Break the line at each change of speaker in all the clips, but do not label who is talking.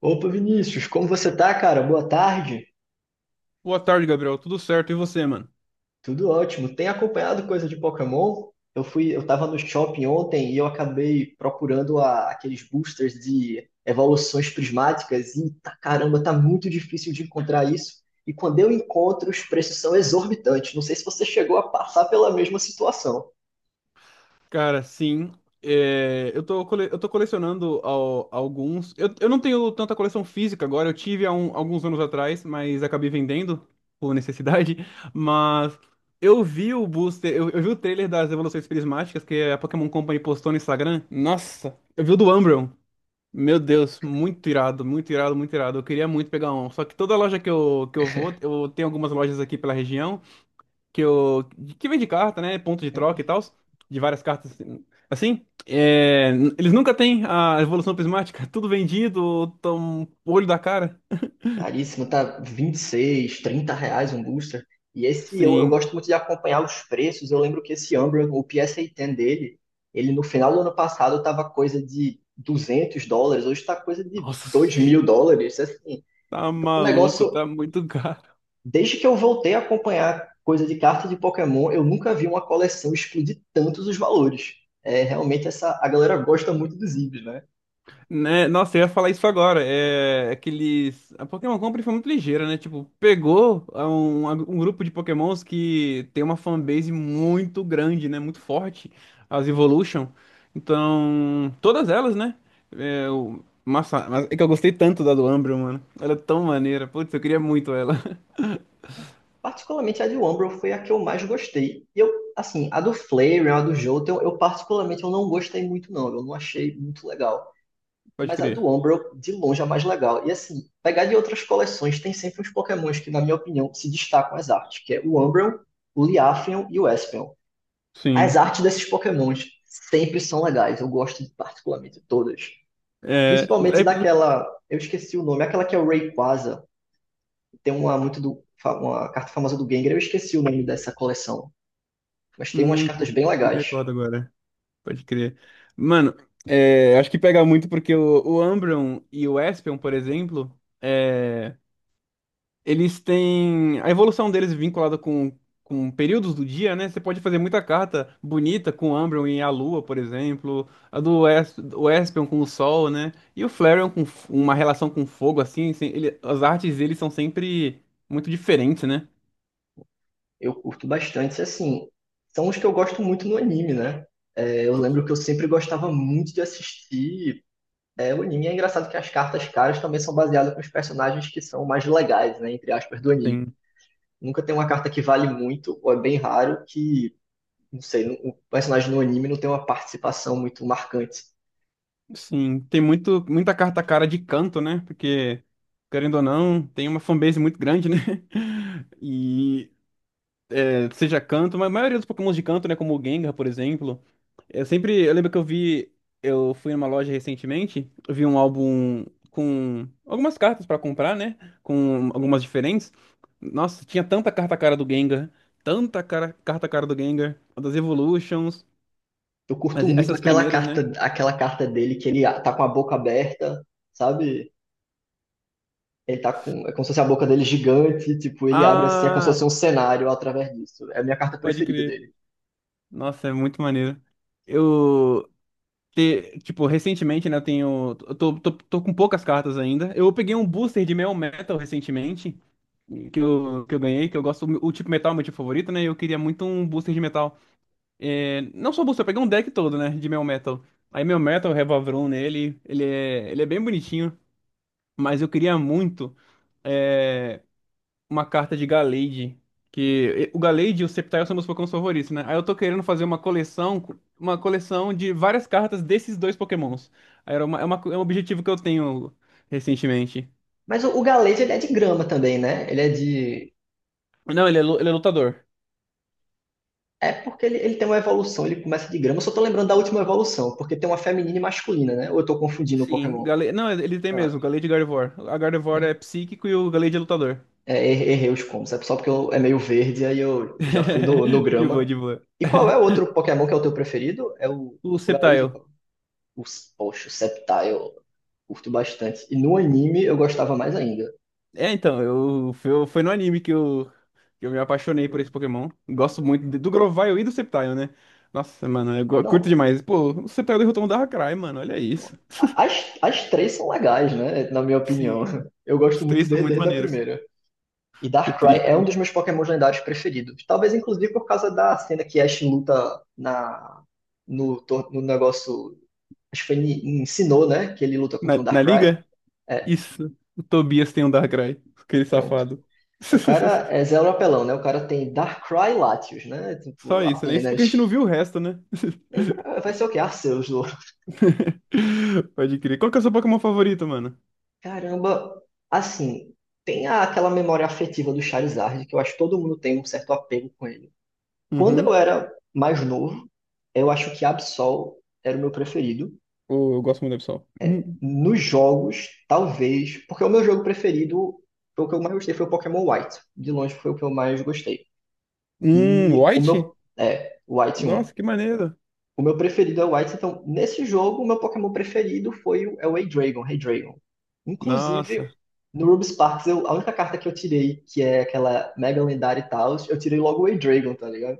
Opa, Vinícius, como você tá, cara? Boa tarde.
Boa tarde, Gabriel. Tudo certo? E você, mano?
Tudo ótimo. Tem acompanhado coisa de Pokémon? Eu tava no shopping ontem e eu acabei aqueles boosters de evoluções prismáticas e tá, caramba, tá muito difícil de encontrar isso. E quando eu encontro, os preços são exorbitantes. Não sei se você chegou a passar pela mesma situação.
Cara, sim. Eu tô colecionando alguns. Eu não tenho tanta coleção física agora. Eu tive há alguns anos atrás, mas acabei vendendo por necessidade. Mas eu vi o booster, eu vi o trailer das Evoluções Prismáticas que a Pokémon Company postou no Instagram. Nossa, eu vi o do Umbreon. Meu Deus, muito irado, muito irado, muito irado. Eu queria muito pegar um. Só que toda loja que eu vou, eu tenho algumas lojas aqui pela região que eu que vende carta, né? Ponto de troca e tal, de várias cartas assim. Eles nunca têm a evolução prismática, tudo vendido, tão olho da cara.
Caríssimo, tá 26, 30 reais um booster. E esse eu
Sim.
gosto muito de acompanhar os preços. Eu lembro que esse Umbra, o PSA-10 dele, ele no final do ano passado tava coisa de 200 dólares, hoje tá coisa de dois
Nossa,
mil dólares. Assim,
tá
um
maluco,
negócio,
tá muito caro.
desde que eu voltei a acompanhar coisa de carta de Pokémon, eu nunca vi uma coleção explodir tantos os valores. É, realmente essa, a galera gosta muito dos IBs, né?
Né? Nossa, eu ia falar isso agora. É aqueles. A Pokémon Company foi muito ligeira, né? Tipo, pegou a um grupo de Pokémons que tem uma fanbase muito grande, né? Muito forte. As Evolution. Então, todas elas, né? Massa. Mas é que eu gostei tanto da do Umbreon, mano. Ela é tão maneira. Putz, eu queria muito ela.
Particularmente a de Umbro foi a que eu mais gostei. E eu, assim, a do Flareon, a do Jolteon, eu particularmente eu não gostei muito não, eu não achei muito legal.
Pode
Mas a
crer.
do Umbro, de longe, é a mais legal. E assim, pegar de outras coleções, tem sempre uns Pokémons que, na minha opinião, se destacam as artes, que é o Umbreon, o Liafeon e o Espeon. As
Sim.
artes desses Pokémons sempre são legais, eu gosto de particularmente todas.
É...
Principalmente
Aí...
daquela, eu esqueci o nome, aquela que é o Rayquaza, tem uma muito do uma carta famosa do Gengar, eu esqueci o nome dessa coleção, mas tem umas cartas
Putz,
bem
não me
legais.
recordo agora. Pode crer. Mano, acho que pega muito porque o Umbreon e o Espeon, por exemplo, é, eles têm a evolução deles vinculada com períodos do dia, né? Você pode fazer muita carta bonita com o Umbreon e a Lua, por exemplo. O Espeon com o Sol, né? E o Flareon com uma relação com fogo, assim. As artes deles são sempre muito diferentes, né?
Eu curto bastante, assim, são os que eu gosto muito no anime, né? Eu lembro que eu sempre gostava muito de assistir o anime. É engraçado que as cartas caras também são baseadas nos personagens que são mais legais, né? Entre aspas, do anime. Nunca tem uma carta que vale muito, ou é bem raro, que, não sei, o personagem no anime não tem uma participação muito marcante.
Sim, tem muito, muita carta cara de canto, né? Porque, querendo ou não, tem uma fanbase muito grande, né? E é, seja canto, mas a maioria dos Pokémons de canto, né? Como o Gengar, por exemplo. Eu sempre. Eu lembro que eu vi. Eu fui numa loja recentemente, eu vi um álbum com algumas cartas pra comprar, né? Com algumas diferentes. Nossa, tinha tanta carta cara do Gengar, carta cara do Gengar, das Evolutions,
Eu curto muito
essas primeiras, né?
aquela carta dele que tá com a boca aberta, sabe? Ele tá com. É como se fosse a boca dele gigante, tipo, ele abre assim, é como se
Ah,
fosse um cenário através disso. É a minha carta
pode
preferida
crer.
dele.
Nossa, é muito maneiro. Eu, tipo, recentemente, né, eu tô com poucas cartas ainda. Eu peguei um booster de Metal Metal recentemente, que eu ganhei, que eu gosto, o tipo metal é meu tipo favorito, né, e eu queria muito um booster de metal. É, não só booster, eu peguei um deck todo, né, de Metal Metal. Aí Metal Metal, Revavrun nele, ele é bem bonitinho, mas eu queria muito uma carta de Gallade. Que o Gallade e o Sceptile são meus Pokémons favoritos, né? Aí eu tô querendo fazer uma coleção de várias cartas desses dois Pokémons. Aí era uma- é, Uma é um objetivo que eu tenho recentemente.
Mas o Galete, ele é de grama também, né? Ele é de.
Não, ele é lutador.
É porque ele tem uma evolução, ele começa de grama. Eu só tô lembrando da última evolução, porque tem uma feminina e masculina, né? Ou eu tô confundindo o
Sim,
Pokémon?
Gallade, não, ele tem
Ah,
mesmo, Gallade e Gardevoir. A Gardevoir é
é,
psíquico e o Gallade é lutador.
é, errei os combos. É só porque é meio verde, aí eu já fui no
De boa,
grama.
de boa.
E qual é o outro Pokémon que é o teu preferido? É
O
o Galete?
Sceptile.
Os, poxa, o Sceptile. Curto bastante. E no anime eu gostava mais ainda.
É, então, foi no anime que que eu me apaixonei por esse Pokémon. Gosto muito do Grovyle e do Sceptile, né? Nossa, mano, curto
Não,
demais. Pô, o Sceptile derrotou um Darkrai, mano, olha isso.
as, as três são legais, né? Na minha
Sim,
opinião. Eu gosto
os
muito
três são
desde,
muito
desde a
maneiros.
primeira. E
O
Darkrai
Trico é
é um dos meus
muito.
Pokémons lendários preferidos. Talvez, inclusive, por causa da cena que Ash luta na, no, no negócio. Acho que foi em Sinnoh, né? Que ele luta
Na,
contra um
na
Darkrai.
liga?
É,
Isso. O Tobias tem um Darkrai, aquele
pronto.
safado.
É, o cara é zero apelão, né? O cara tem Darkrai Latios, né?
Só
Tipo,
isso, né? Isso porque a gente não
apenas.
viu o resto, né?
Nem pra- Vai ser o quê? Arceus, do
Pode crer. Qual que é o seu Pokémon favorito, mano?
Caramba, assim, aquela memória afetiva do Charizard, que eu acho que todo mundo tem um certo apego com ele. Quando eu
Uhum.
era mais novo, eu acho que Absol era o meu preferido.
Oh, eu gosto muito do Absol.
Nos jogos, talvez, porque é o meu jogo preferido, foi o que eu mais gostei, foi o Pokémon White. De longe foi o que eu mais gostei. E o
White?
meu, é, o White um.
Nossa, que maneiro.
O meu preferido é o Whites, então nesse jogo o meu Pokémon preferido foi é o Heydragon, Heydragon. Inclusive,
Nossa,
no Ruby Sparks, eu, a única carta que eu tirei, que é aquela mega lendária e tal, eu tirei logo o Heydragon, tá ligado?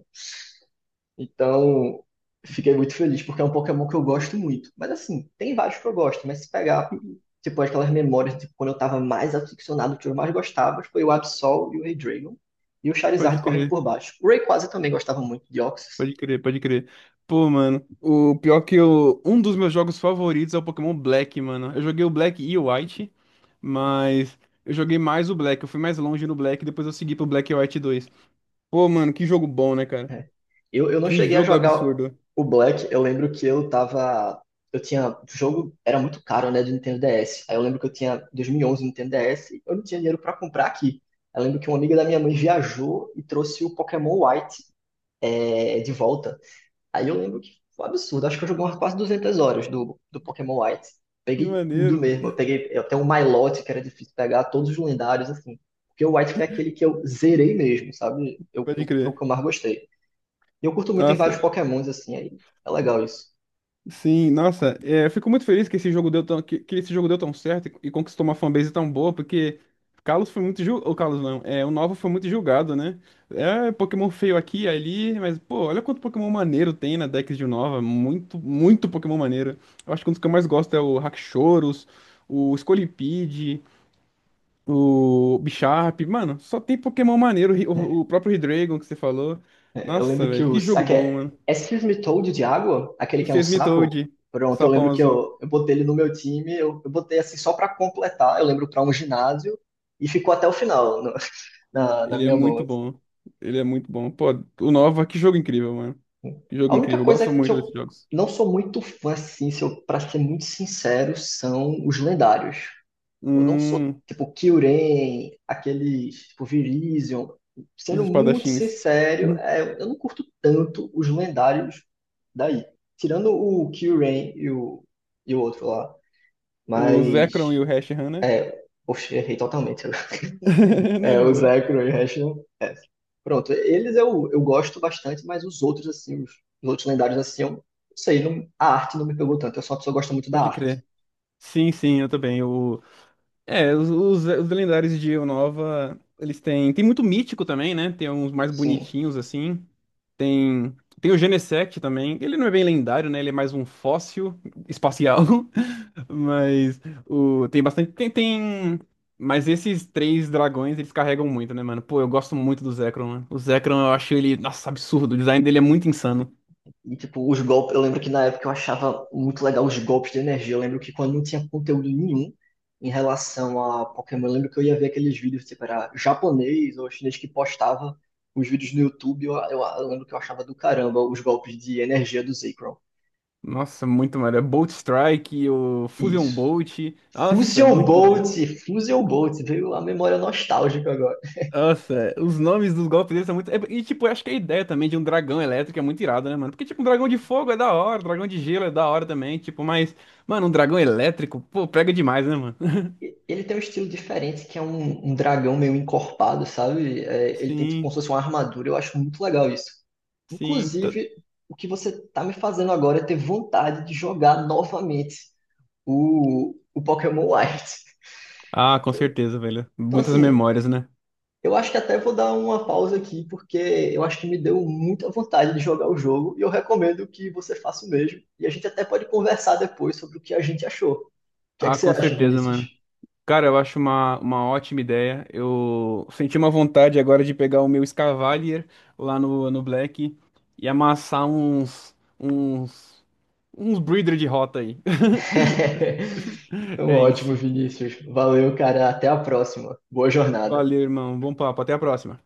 Então, fiquei muito feliz, porque é um Pokémon que eu gosto muito. Mas assim, tem vários que eu gosto, mas se pegar, tipo, aquelas memórias de quando eu tava mais aficionado, que eu mais gostava, foi o Absol e o Heydragon, e o
pode
Charizard correndo
crer,
por baixo. O Rayquaza eu também gostava muito de Oxys,
pode crer, pode crer. Pô, mano, o pior que eu. Um dos meus jogos favoritos é o Pokémon Black, mano. Eu joguei o Black e o White, mas eu joguei mais o Black. Eu fui mais longe no Black, depois eu segui pro Black e White dois. Pô, mano, que jogo bom, né, cara?
né? Eu não
Que
cheguei a
jogo
jogar
absurdo.
o Black, eu lembro que eu tava. Eu tinha. O jogo era muito caro, né, do Nintendo DS. Aí eu lembro que eu tinha 2011 Nintendo DS e eu não tinha dinheiro pra comprar aqui. Eu lembro que uma amiga da minha mãe viajou e trouxe o Pokémon White de volta. Aí eu lembro que foi um absurdo. Acho que eu joguei umas quase 200 horas do Pokémon White.
Que
Peguei tudo
maneiro,
mesmo. Eu
mano.
peguei até o Milotic, que era difícil pegar, todos os lendários, assim. Porque o White foi aquele que eu zerei mesmo, sabe?
Pode
Foi o
crer.
que eu mais gostei. E eu curto muito, tem vários
Nossa,
Pokémons assim, aí é legal isso,
sim, nossa, eu fico muito feliz que esse jogo deu que esse jogo deu tão certo e conquistou uma fanbase tão boa, porque Carlos foi muito julgado, o Carlos não, é, o Nova foi muito julgado, né? É Pokémon feio aqui e ali, mas pô, olha quanto Pokémon maneiro tem na Dex de Nova, muito, muito Pokémon maneiro. Eu acho que um dos que eu mais gosto é o Haxorus, o Scolipede, o Bisharp, mano, só tem Pokémon maneiro, o, Hi-
né?
o próprio Hidreigon que você falou.
Eu
Nossa,
lembro que
velho,
o.
que jogo
Aqui
bom,
é,
mano.
é excuse me, Toad de água, aquele
O
que é um sapo.
Seismitoad, o
Pronto, eu
sapão
lembro que
azul.
eu botei ele no meu time, eu botei assim só pra completar, eu lembro pra um ginásio, e ficou até o final no- na, na
Ele é
minha mão.
muito
Assim.
bom. Ele é muito bom. Pô, o Nova, que jogo incrível, mano. Que
A
jogo
única
incrível. Eu
coisa
gosto
que
muito
eu
desses jogos.
não sou muito fã, assim, se eu, pra ser muito sincero, são os lendários. Eu não sou
Hum,
tipo Kyurem, aqueles tipo Virizion.
os
Sendo muito
espadachins.
sincero,
Hum.
eu não curto tanto os lendários daí. Tirando o Kyurem e e o outro lá.
O Zekrom
Mas.
e o Hashan, né?
É, poxa, errei totalmente.
Não,
É,
de
o
boa.
Zekrom e o Rashleigh, é. Pronto, eles eu gosto bastante, mas os outros, assim, os outros lendários, assim, eu não sei, não, a arte não me pegou tanto. Eu sou uma pessoa que gosta muito da
Pode
arte.
crer. Sim, sim, eu também. É, os lendários de Nova, eles têm. Tem muito mítico também, né? Tem uns mais
Sim.
bonitinhos, assim. Tem, tem o Genesect também. Ele não é bem lendário, né? Ele é mais um fóssil espacial. Mas tem bastante. Tem. Mas esses três dragões, eles carregam muito, né, mano? Pô, eu gosto muito do Zekrom, né? O Zekrom, eu acho ele. Nossa, absurdo. O design dele é muito insano.
E, tipo, os golpes. Eu lembro que na época eu achava muito legal os golpes de energia. Eu lembro que quando não tinha conteúdo nenhum em relação a Pokémon, eu lembro que eu ia ver aqueles vídeos, tipo, era japonês ou chinês que postava os vídeos no YouTube. Eu lembro que eu achava do caramba os golpes de energia do Zekrom.
Nossa, muito maneiro. Bolt Strike, o Fusion
Isso.
Bolt. Nossa,
Fusion
muito
Bolt,
maneiro.
Fusion Bolt, veio a memória nostálgica agora.
Nossa, os nomes dos golpes deles são muito. É, E, tipo, eu acho que a ideia também de um dragão elétrico é muito irada, né, mano? Porque, tipo, um dragão de fogo é da hora, um dragão de gelo é da hora também, tipo, mas, mano, um dragão elétrico, pô, pega demais, né, mano?
Ele tem um estilo diferente, que é um dragão meio encorpado, sabe? É, ele tem tipo, como
Sim,
se fosse uma armadura, eu acho muito legal isso.
sim.
Inclusive, o que você tá me fazendo agora é ter vontade de jogar novamente o Pokémon White.
Ah, com
Então,
certeza, velho.
então,
Muitas
assim,
memórias, né?
eu acho que até vou dar uma pausa aqui, porque eu acho que me deu muita vontade de jogar o jogo, e eu recomendo que você faça o mesmo. E a gente até pode conversar depois sobre o que a gente achou. O que é que
Ah,
você
com
acha,
certeza, mano.
Vinícius?
Cara, eu acho uma ótima ideia. Eu senti uma vontade agora de pegar o meu Escavalier lá no Black e amassar uns Breeder de rota aí.
Então,
É
ótimo,
isso.
Vinícius. Valeu, cara. Até a próxima. Boa jornada.
Valeu, irmão. Bom papo. Até a próxima.